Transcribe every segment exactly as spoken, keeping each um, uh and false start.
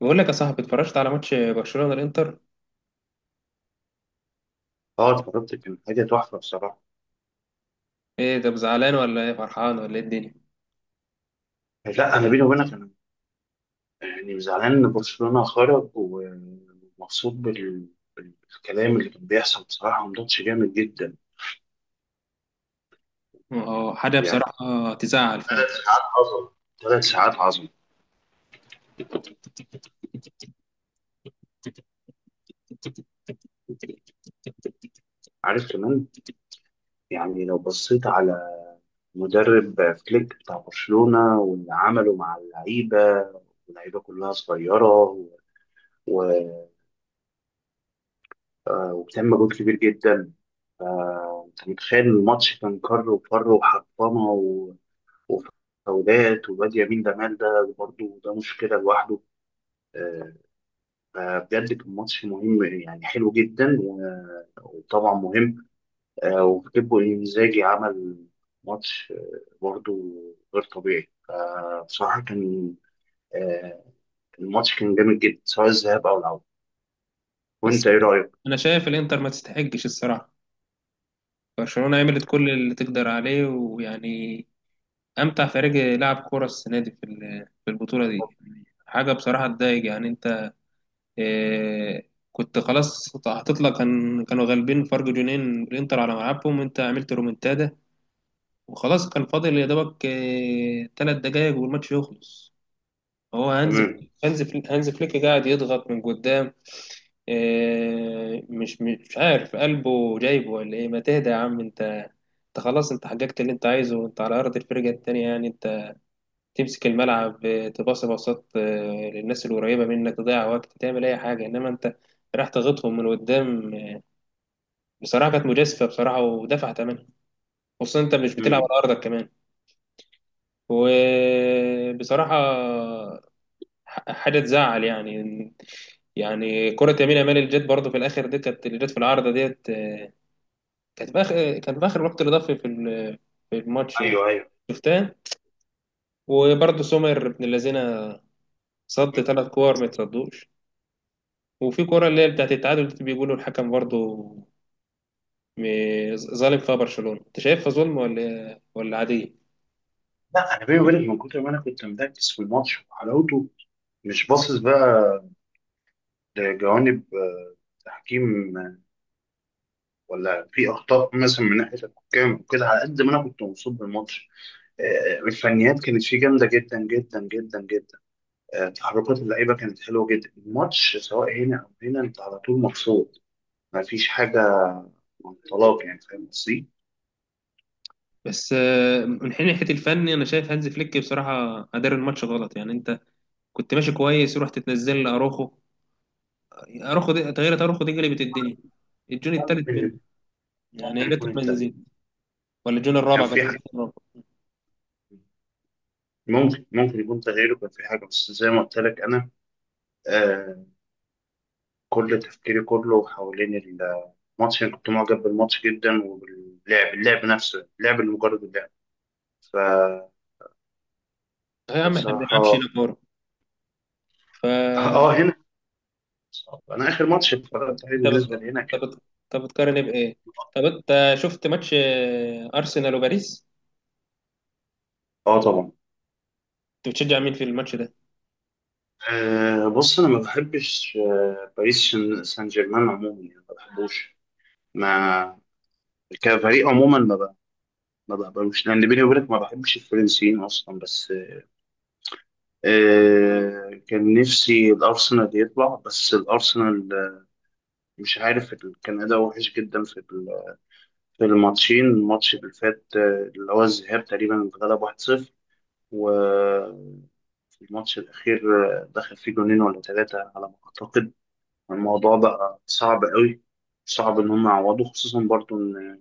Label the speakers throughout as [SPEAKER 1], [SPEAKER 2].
[SPEAKER 1] بقول لك يا صاحبي، اتفرجت على ماتش برشلونة الانتر.
[SPEAKER 2] اه اتفرجت، كان حاجه تحفه بصراحه.
[SPEAKER 1] ايه ده؟ زعلان ولا ايه، فرحان ولا ايه الدنيا؟
[SPEAKER 2] لا انا بيني وبينك، انا يعني زعلان ان برشلونه خرج، ومبسوط بال... بالكلام اللي كان بيحصل. بصراحه، ماتش جامد جدا.
[SPEAKER 1] اه، حاجه
[SPEAKER 2] يعني
[SPEAKER 1] بصراحه تزعل
[SPEAKER 2] ثلاث
[SPEAKER 1] فعلا.
[SPEAKER 2] ساعات عظمه، ثلاث ساعات عظمه. عارف كمان، يعني لو بصيت على مدرب فليك بتاع برشلونه واللي عمله مع اللعيبه اللعيبه كلها صغيره، و... و... آه، وبتعمل مجهود كبير جدا. آه، انت متخيل الماتش، كان كر وفر وحطمه و- وفاولات، والواد يمين جمال ده برضه ده مشكله لوحده. آه، فبجد كان ماتش مهم، يعني حلو جدا، و- وطبعا مهم. آه، وكيبو انزاجي عمل ماتش، آه، برضه غير طبيعي. فبصراحه كان، آه، الماتش كان جامد جدا سواء الذهاب او العوده.
[SPEAKER 1] بس
[SPEAKER 2] وانت ايه رايك؟
[SPEAKER 1] انا شايف الانتر ما تستحقش الصراحه. برشلونة عملت كل اللي تقدر عليه، ويعني امتع فريق لعب كوره السنه دي في ال- في البطوله دي، يعني حاجه بصراحه تضايق يعني انت. إيه، كنت خلاص هتطلع، كان كانوا غالبين فرق جونين الانتر على ملعبهم وانت عملت رومنتادا. وخلاص كان فاضل يا دوبك ثلاث دقايق والماتش يخلص. هو هانز
[SPEAKER 2] تمام.
[SPEAKER 1] هانز فليك هانز فليك قاعد يضغط من قدام. إيه، مش مش عارف قلبه جايبه ولا ايه، ما تهدى يا عم انت. انت خلاص، انت حققت اللي انت عايزه، انت على ارض الفرقه التانيه يعني انت. تمسك الملعب، آه، تباصي باصات آه، للناس القريبه منك، تضيع وقت، تعمل اي حاجه، انما انت راح تغطهم من قدام. آه، بصراحه كانت مجازفه، بصراحه ودفع ثمنها. خصوصا انت مش بتلعب
[SPEAKER 2] مم.
[SPEAKER 1] على ارضك كمان. وبصراحه حاجه تزعل يعني. يعني كره يمين يامال اللي جت برضه في الاخر دي، كانت اللي جت في العارضه ديت. آه، كانت في اخر كانت في اخر وقت اضافي في ال- في الماتش يعني.
[SPEAKER 2] ايوه، ايوه.
[SPEAKER 1] شفتها. وبرضه سومر ابن الذين، صد ثلاث كور ما يتصدوش. وفي كره اللي هي بتاعت التعادل دي، بيقولوا الحكم برضه م- ظالم فيها برشلونه. انت شايفها ظلم ولا ولا عاديه؟
[SPEAKER 2] لا انا بيني وبينك، من كتر ما انا كنت مركز في الماتش وحلاوته، مش باصص بقى لجوانب، آه، تحكيم، آه، ولا في اخطاء مثلا من ناحيه الحكام وكده. على قد ما انا كنت مبسوط بالماتش، آه، الفنيات كانت فيه جامده جدا جدا جدا جدا. آه، تحركات اللعيبه كانت حلوه جدا. الماتش سواء هنا او هنا، انت على طول مبسوط، ما فيش حاجه طلاق، يعني فاهم قصدي؟
[SPEAKER 1] بس آه، من حين ناحيه الفن، انا شايف هانز فليك بصراحه ادار الماتش غلط يعني انت. كنت ماشي كويس رحت تنزل لاروخو. اروخو دي تغيير، اروخو دي قلبت الدنيا، الجون التالت منه.
[SPEAKER 2] ممكن
[SPEAKER 1] يعني يا
[SPEAKER 2] ممكن يكون
[SPEAKER 1] ريت ما
[SPEAKER 2] التغيير
[SPEAKER 1] نزيد ولا الجون
[SPEAKER 2] كان
[SPEAKER 1] الرابع،
[SPEAKER 2] في
[SPEAKER 1] قصدي
[SPEAKER 2] حاجة،
[SPEAKER 1] الرابع.
[SPEAKER 2] ممكن ممكن يكون تغييره كان في حاجه، بس زي ما قلت لك انا، آه، كل تفكيري كله حوالين الماتش. أنا كنت معجب بالماتش جدا، وباللعب، اللعب نفسه، اللعب، اللي مجرد اللعب. ف...
[SPEAKER 1] صحيح يا عم، احنا ما بنلعبش
[SPEAKER 2] فبصراحة،
[SPEAKER 1] هنا كوره. ف
[SPEAKER 2] اه، هنا أنا آخر ماتش اتفرجت عليه
[SPEAKER 1] انت بت...
[SPEAKER 2] بالنسبة لهنا
[SPEAKER 1] انت
[SPEAKER 2] كان،
[SPEAKER 1] بت... انت بتقارن إيه بايه؟ طب انت شفت ماتش آه، ارسنال وباريس،
[SPEAKER 2] اه طبعا.
[SPEAKER 1] انت بتشجع مين في الماتش ده؟
[SPEAKER 2] آه بص، أنا ما بحبش آه باريس شن- سان جيرمان عموما، يعني ما بحبوش، ما كفريق عموما، ما ب... ما بقبلوش لأن بيني وبينك ما بحبش الفرنسيين أصلا، بس آه كان نفسي الأرسنال يطلع، بس الأرسنال مش عارف، ال- كان أداء وحش جدا في ال- في الماتشين. الماتش اللي فات، آه، اللي هو الذهاب، تقريبا اتغلب واحد صفر. وفي الماتش الأخير، آه، دخل فيه جونين ولا ثلاثة على ما أعتقد. الموضوع بقى صعب قوي، صعب إن هم يعوضوا، خصوصا برضو إن،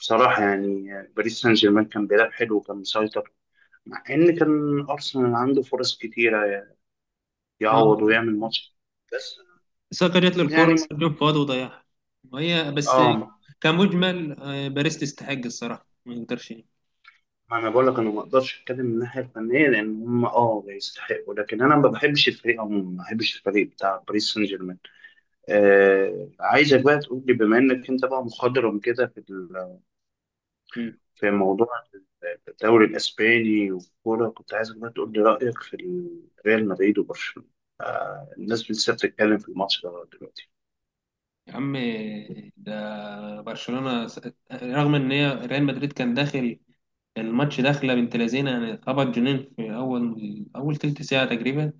[SPEAKER 2] بصراحة يعني، آه، باريس سان جيرمان كان بيلعب حلو، وكان مسيطر، مع إن كان أرسنال عنده فرص كتيرة، يعني
[SPEAKER 1] اه،
[SPEAKER 2] يعوض ويعمل ماتش. بس
[SPEAKER 1] ساكا جات له الكوره
[SPEAKER 2] يعني،
[SPEAKER 1] جون فاضي وضيعها، وهي بس.
[SPEAKER 2] اه،
[SPEAKER 1] كمجمل آه، باريس تستحق الصراحه، ما نقدرش.
[SPEAKER 2] ما انا بقول لك، انا ما اقدرش اتكلم من الناحيه الفنيه، لان هم اه يستحقوا، لكن انا ما بحبش الفريق عموما، ما بحبش الفريق بتاع باريس سان جيرمان. آه عايزك بقى تقول لي، بما انك انت بقى مخضرم كده في ال-
[SPEAKER 1] مم.
[SPEAKER 2] في موضوع الدوري الاسباني والكوره، كنت عايزك بقى تقول لي رايك في ال- ريال مدريد وبرشلونه. آه الناس لسه بتتكلم في الماتش ده دلوقتي.
[SPEAKER 1] يا عم، ده برشلونة. رغم ان هي ريال مدريد كان داخل الماتش داخله بنت لذينه، يعني اتخبط جنين في اول اول تلت ساعه تقريبا.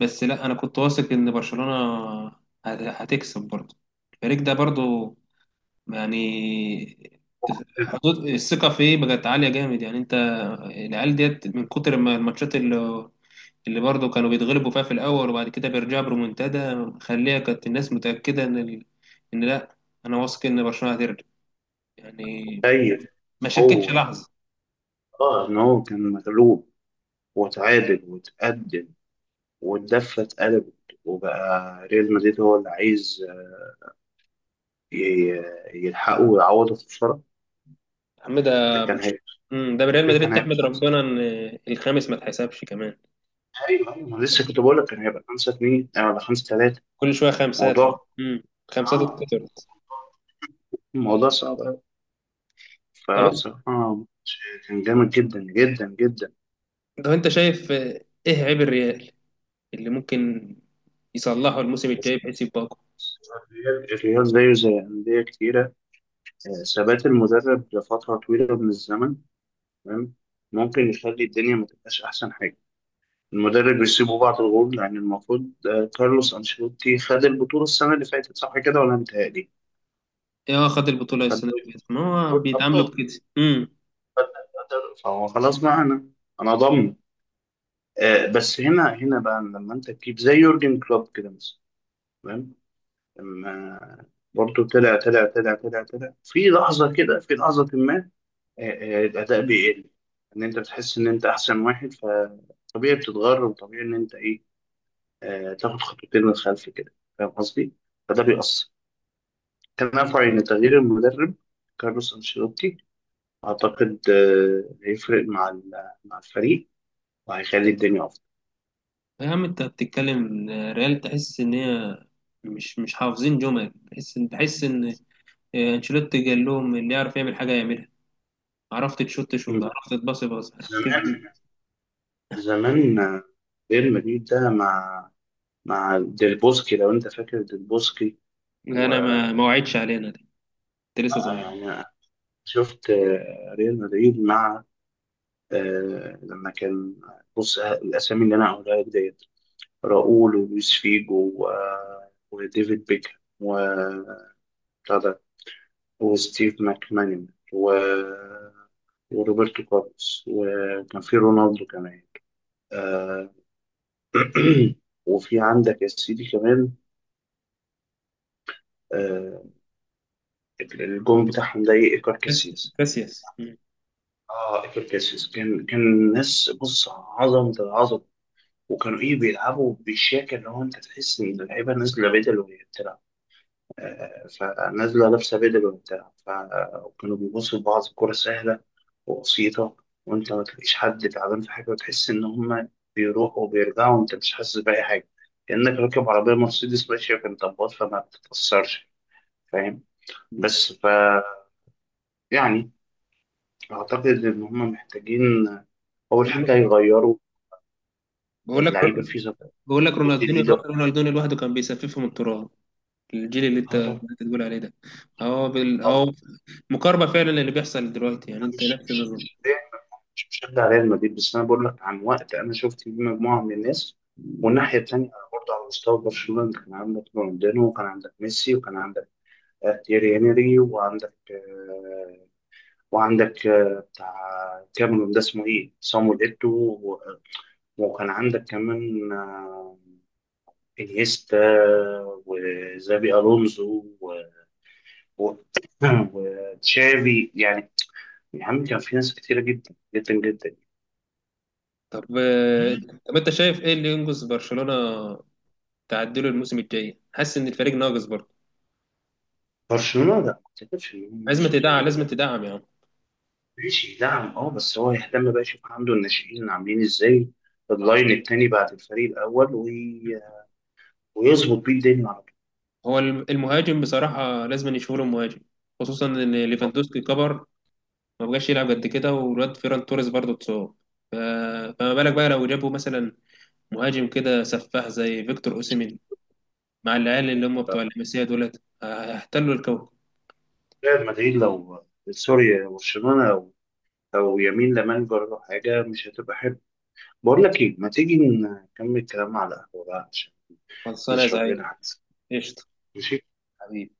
[SPEAKER 1] بس لا، انا كنت واثق ان برشلونه هت- هتكسب برضه. الفريق ده برضه يعني، حدود الثقه فيه بقت عاليه جامد يعني انت. العيال ديت من كتر ما الماتشات اللي اللي برضه كانوا بيتغلبوا فيها في الاول وبعد كده بيرجعوا برومنتادا، خليها كانت الناس متاكده ان ال... ان لا، انا واثق ان برشلونه هترجع يعني.
[SPEAKER 2] متخيل
[SPEAKER 1] ما شكتش
[SPEAKER 2] هو،
[SPEAKER 1] لحظه.
[SPEAKER 2] اه ان هو كان مغلوب، وتعادل وتقدم، والدفة اتقلبت، وبقى ريال مدريد هو اللي عايز ي- يلحقه ويعوضه في الخسارة.
[SPEAKER 1] يا عم ده
[SPEAKER 2] ده كان
[SPEAKER 1] برش...
[SPEAKER 2] هيبقى،
[SPEAKER 1] مم، ده ريال مدريد،
[SPEAKER 2] كان هيبقى
[SPEAKER 1] تحمد
[SPEAKER 2] خمسة.
[SPEAKER 1] ربنا ان الخامس ما اتحسبش كمان.
[SPEAKER 2] أيوه أيوه، أنا لسه كنت بقول لك كان هيبقى خمسة اتنين، آه، ولا خمسة تلاتة.
[SPEAKER 1] كل شويه خمسات.
[SPEAKER 2] موضوع
[SPEAKER 1] امم خمسات
[SPEAKER 2] آه
[SPEAKER 1] اتكترت.
[SPEAKER 2] موضوع صعب أوي.
[SPEAKER 1] طب،
[SPEAKER 2] فبصراحة كان جامد جدا جدا جدا.
[SPEAKER 1] طب انت شايف آه، ايه عيب الريال اللي ممكن يصلحه الموسم
[SPEAKER 2] بس
[SPEAKER 1] الجاي بحيث يبقى اقوى؟
[SPEAKER 2] الريال، الريال زيه زي أندية كتيرة، آه، ثبات المدرب لفترة طويلة من الزمن، تمام، ممكن يخلي الدنيا ما تبقاش أحسن حاجة. المدرب يسيبوا بعض الغول، لأن المفروض، آه، كارلوس أنشيلوتي خد البطولة السنة اللي فاتت، صح كده ولا متهيألي؟
[SPEAKER 1] ايه، هو خد البطوله
[SPEAKER 2] خد
[SPEAKER 1] السنه اللي فاتت،
[SPEAKER 2] البطولة
[SPEAKER 1] ما هو بيتعاملوا
[SPEAKER 2] الأبطال.
[SPEAKER 1] بكده. امم
[SPEAKER 2] خد البطولة. فهو خلاص بقى، أنا أنا ضامن. آه، بس هنا هنا بقى، لما أنت تجيب زي يورجن كلوب كده مثلا، تمام؟ لما برضه طلع طلع طلع طلع طلع في لحظة كده، في لحظة ما، آه، آه، الأداء بيقل. إن أنت بتحس إن أنت أحسن واحد، فطبيعي بتتغر، وطبيعي إن أنت، إيه آه، تاخد خطوتين للخلف كده، فاهم قصدي؟ فده بيأثر. تنافع إن تغيير المدرب كارلوس أنشيلوتي، أعتقد آه، هيفرق مع ال- مع الفريق، وهيخلي الدنيا أفضل.
[SPEAKER 1] يا عم انت بتتكلم آه، ريال، تحس ان هي مش مش حافظين جمل، تحس ان تحس ان آه، انشيلوتي قال لهم اللي يعرف يعمل حاجه يعملها. عرفت تشوت شوت، عرفت تباصي باص، عرفت.
[SPEAKER 2] زمان، زمان، آه، ريال مدريد ده مع مع ديل بوسكي، لو أنت فاكر ديل بوسكي.
[SPEAKER 1] لا،
[SPEAKER 2] و
[SPEAKER 1] انا ما ما وعدش علينا دي. انت لسه
[SPEAKER 2] آه،
[SPEAKER 1] صغير.
[SPEAKER 2] يعني شفت، آه، ريال مدريد مع، آه، لما كان، آه، بص، آه، الأسامي اللي أنا هقولها لك ديت، راؤول، ولويس فيجو، و- آه، وديفيد بيكهام، و وستيف ماكمانيمان، و... وروبرتو كارلوس، وكان في رونالدو كمان. آه وفي عندك يا سيدي كمان، آه الجون بتاعهم ده ايه، ايكار
[SPEAKER 1] بس
[SPEAKER 2] كاسياس.
[SPEAKER 1] كاسياس. مم.
[SPEAKER 2] اه، ايكار كاسياس، كان كان ناس، بص، عظمة العظمة. وكانوا ايه بيلعبوا بالشياكة، اللي هو انت تحس ان اللعيبة نازلة بدل وهي بتلعب. آه فنازلة لابسة بدل وهي بتلعب. ف- آه، وكانوا بيبصوا لبعض، الكرة سهلة وبسيطة، وأنت ما تلاقيش حد تعبان في حاجة، وتحس إن هما بيروحوا وبيرجعوا، وأنت مش حاسس بأي حاجة، كأنك راكب عربية مرسيدس ماشية في انطباط، فما بتتأثرش، فاهم؟ بس ف يعني، أعتقد إن هما محتاجين، أول
[SPEAKER 1] بقول لك
[SPEAKER 2] حاجة، يغيروا
[SPEAKER 1] بقول لك
[SPEAKER 2] اللعيبة في صفقات
[SPEAKER 1] بقول لك رونالدينيو
[SPEAKER 2] جديدة.
[SPEAKER 1] رونالدينيو لوحده كان بيسففهم التراب. الجيل اللي انت
[SPEAKER 2] آه
[SPEAKER 1] اللي
[SPEAKER 2] طبعا،
[SPEAKER 1] انت بتقول عليه ده اهو بال... اهو
[SPEAKER 2] طبعا،
[SPEAKER 1] مقاربه فعلا، اللي بيحصل دلوقتي يعني
[SPEAKER 2] أنا
[SPEAKER 1] انت
[SPEAKER 2] مش
[SPEAKER 1] نفس
[SPEAKER 2] مش
[SPEAKER 1] النظام.
[SPEAKER 2] مش مش مشجع ريال مدريد، بس أنا بقول لك عن وقت أنا شفت فيه مجموعة من الناس. والناحية التانية برضه على مستوى برشلونة، أنت كان عندك رونالدينو، وكان عندك ميسي، وكان عندك، آه، تيري هنري، وعندك آه، وعندك، آه، بتاع كاميرون ده اسمه ايه، صامويل ايتو، و- وكان عندك كمان، آه، انيستا، وزابي الونزو، و- و- وتشافي، يعني. يا عم، كان في ناس كتيرة جدا جدا جدا.
[SPEAKER 1] طب آه، طب انت شايف ايه اللي ينقذ برشلونه تعدله الموسم الجاي؟ حاسس ان الفريق ناقص برضه؟
[SPEAKER 2] برشلونة، لا، ما اعتقدش ان هم
[SPEAKER 1] لازم
[SPEAKER 2] نقصوا
[SPEAKER 1] تدعم،
[SPEAKER 2] حاجة.
[SPEAKER 1] لازم تدعم يا عم.
[SPEAKER 2] ماشي، دعم، اه بس هو يهتم بقى، يشوف عنده الناشئين عاملين ازاي، اللاين التاني بعد الفريق الاول، وي... ويظبط بيه الدنيا على
[SPEAKER 1] هو الم- المهاجم بصراحه لازم يشوفوا له مهاجم، خصوصا ان
[SPEAKER 2] طول.
[SPEAKER 1] ليفاندوسكي كبر، ما بقاش يلعب قد كده، والواد فيران توريس برضه اتصاب. ف- فما بالك بقى لو جابوا مثلا مهاجم كده سفاح زي فيكتور اوسيمين، مع العيال اللي هم بتوع اللمسيه دولت، هيحتلوا الكوكب.
[SPEAKER 2] ريال مدريد، لو، سوري، برشلونة، لو، لو يمين لمال جرى حاجة، مش هتبقى حلوة. بقول لك ايه، ما تيجي نكمل كلام على القهوة بقى عشان
[SPEAKER 1] خلصانه يا
[SPEAKER 2] نشرب
[SPEAKER 1] زعيم.
[SPEAKER 2] لنا حاجة؟
[SPEAKER 1] قشطه.
[SPEAKER 2] ماشي.
[SPEAKER 1] حبيبي.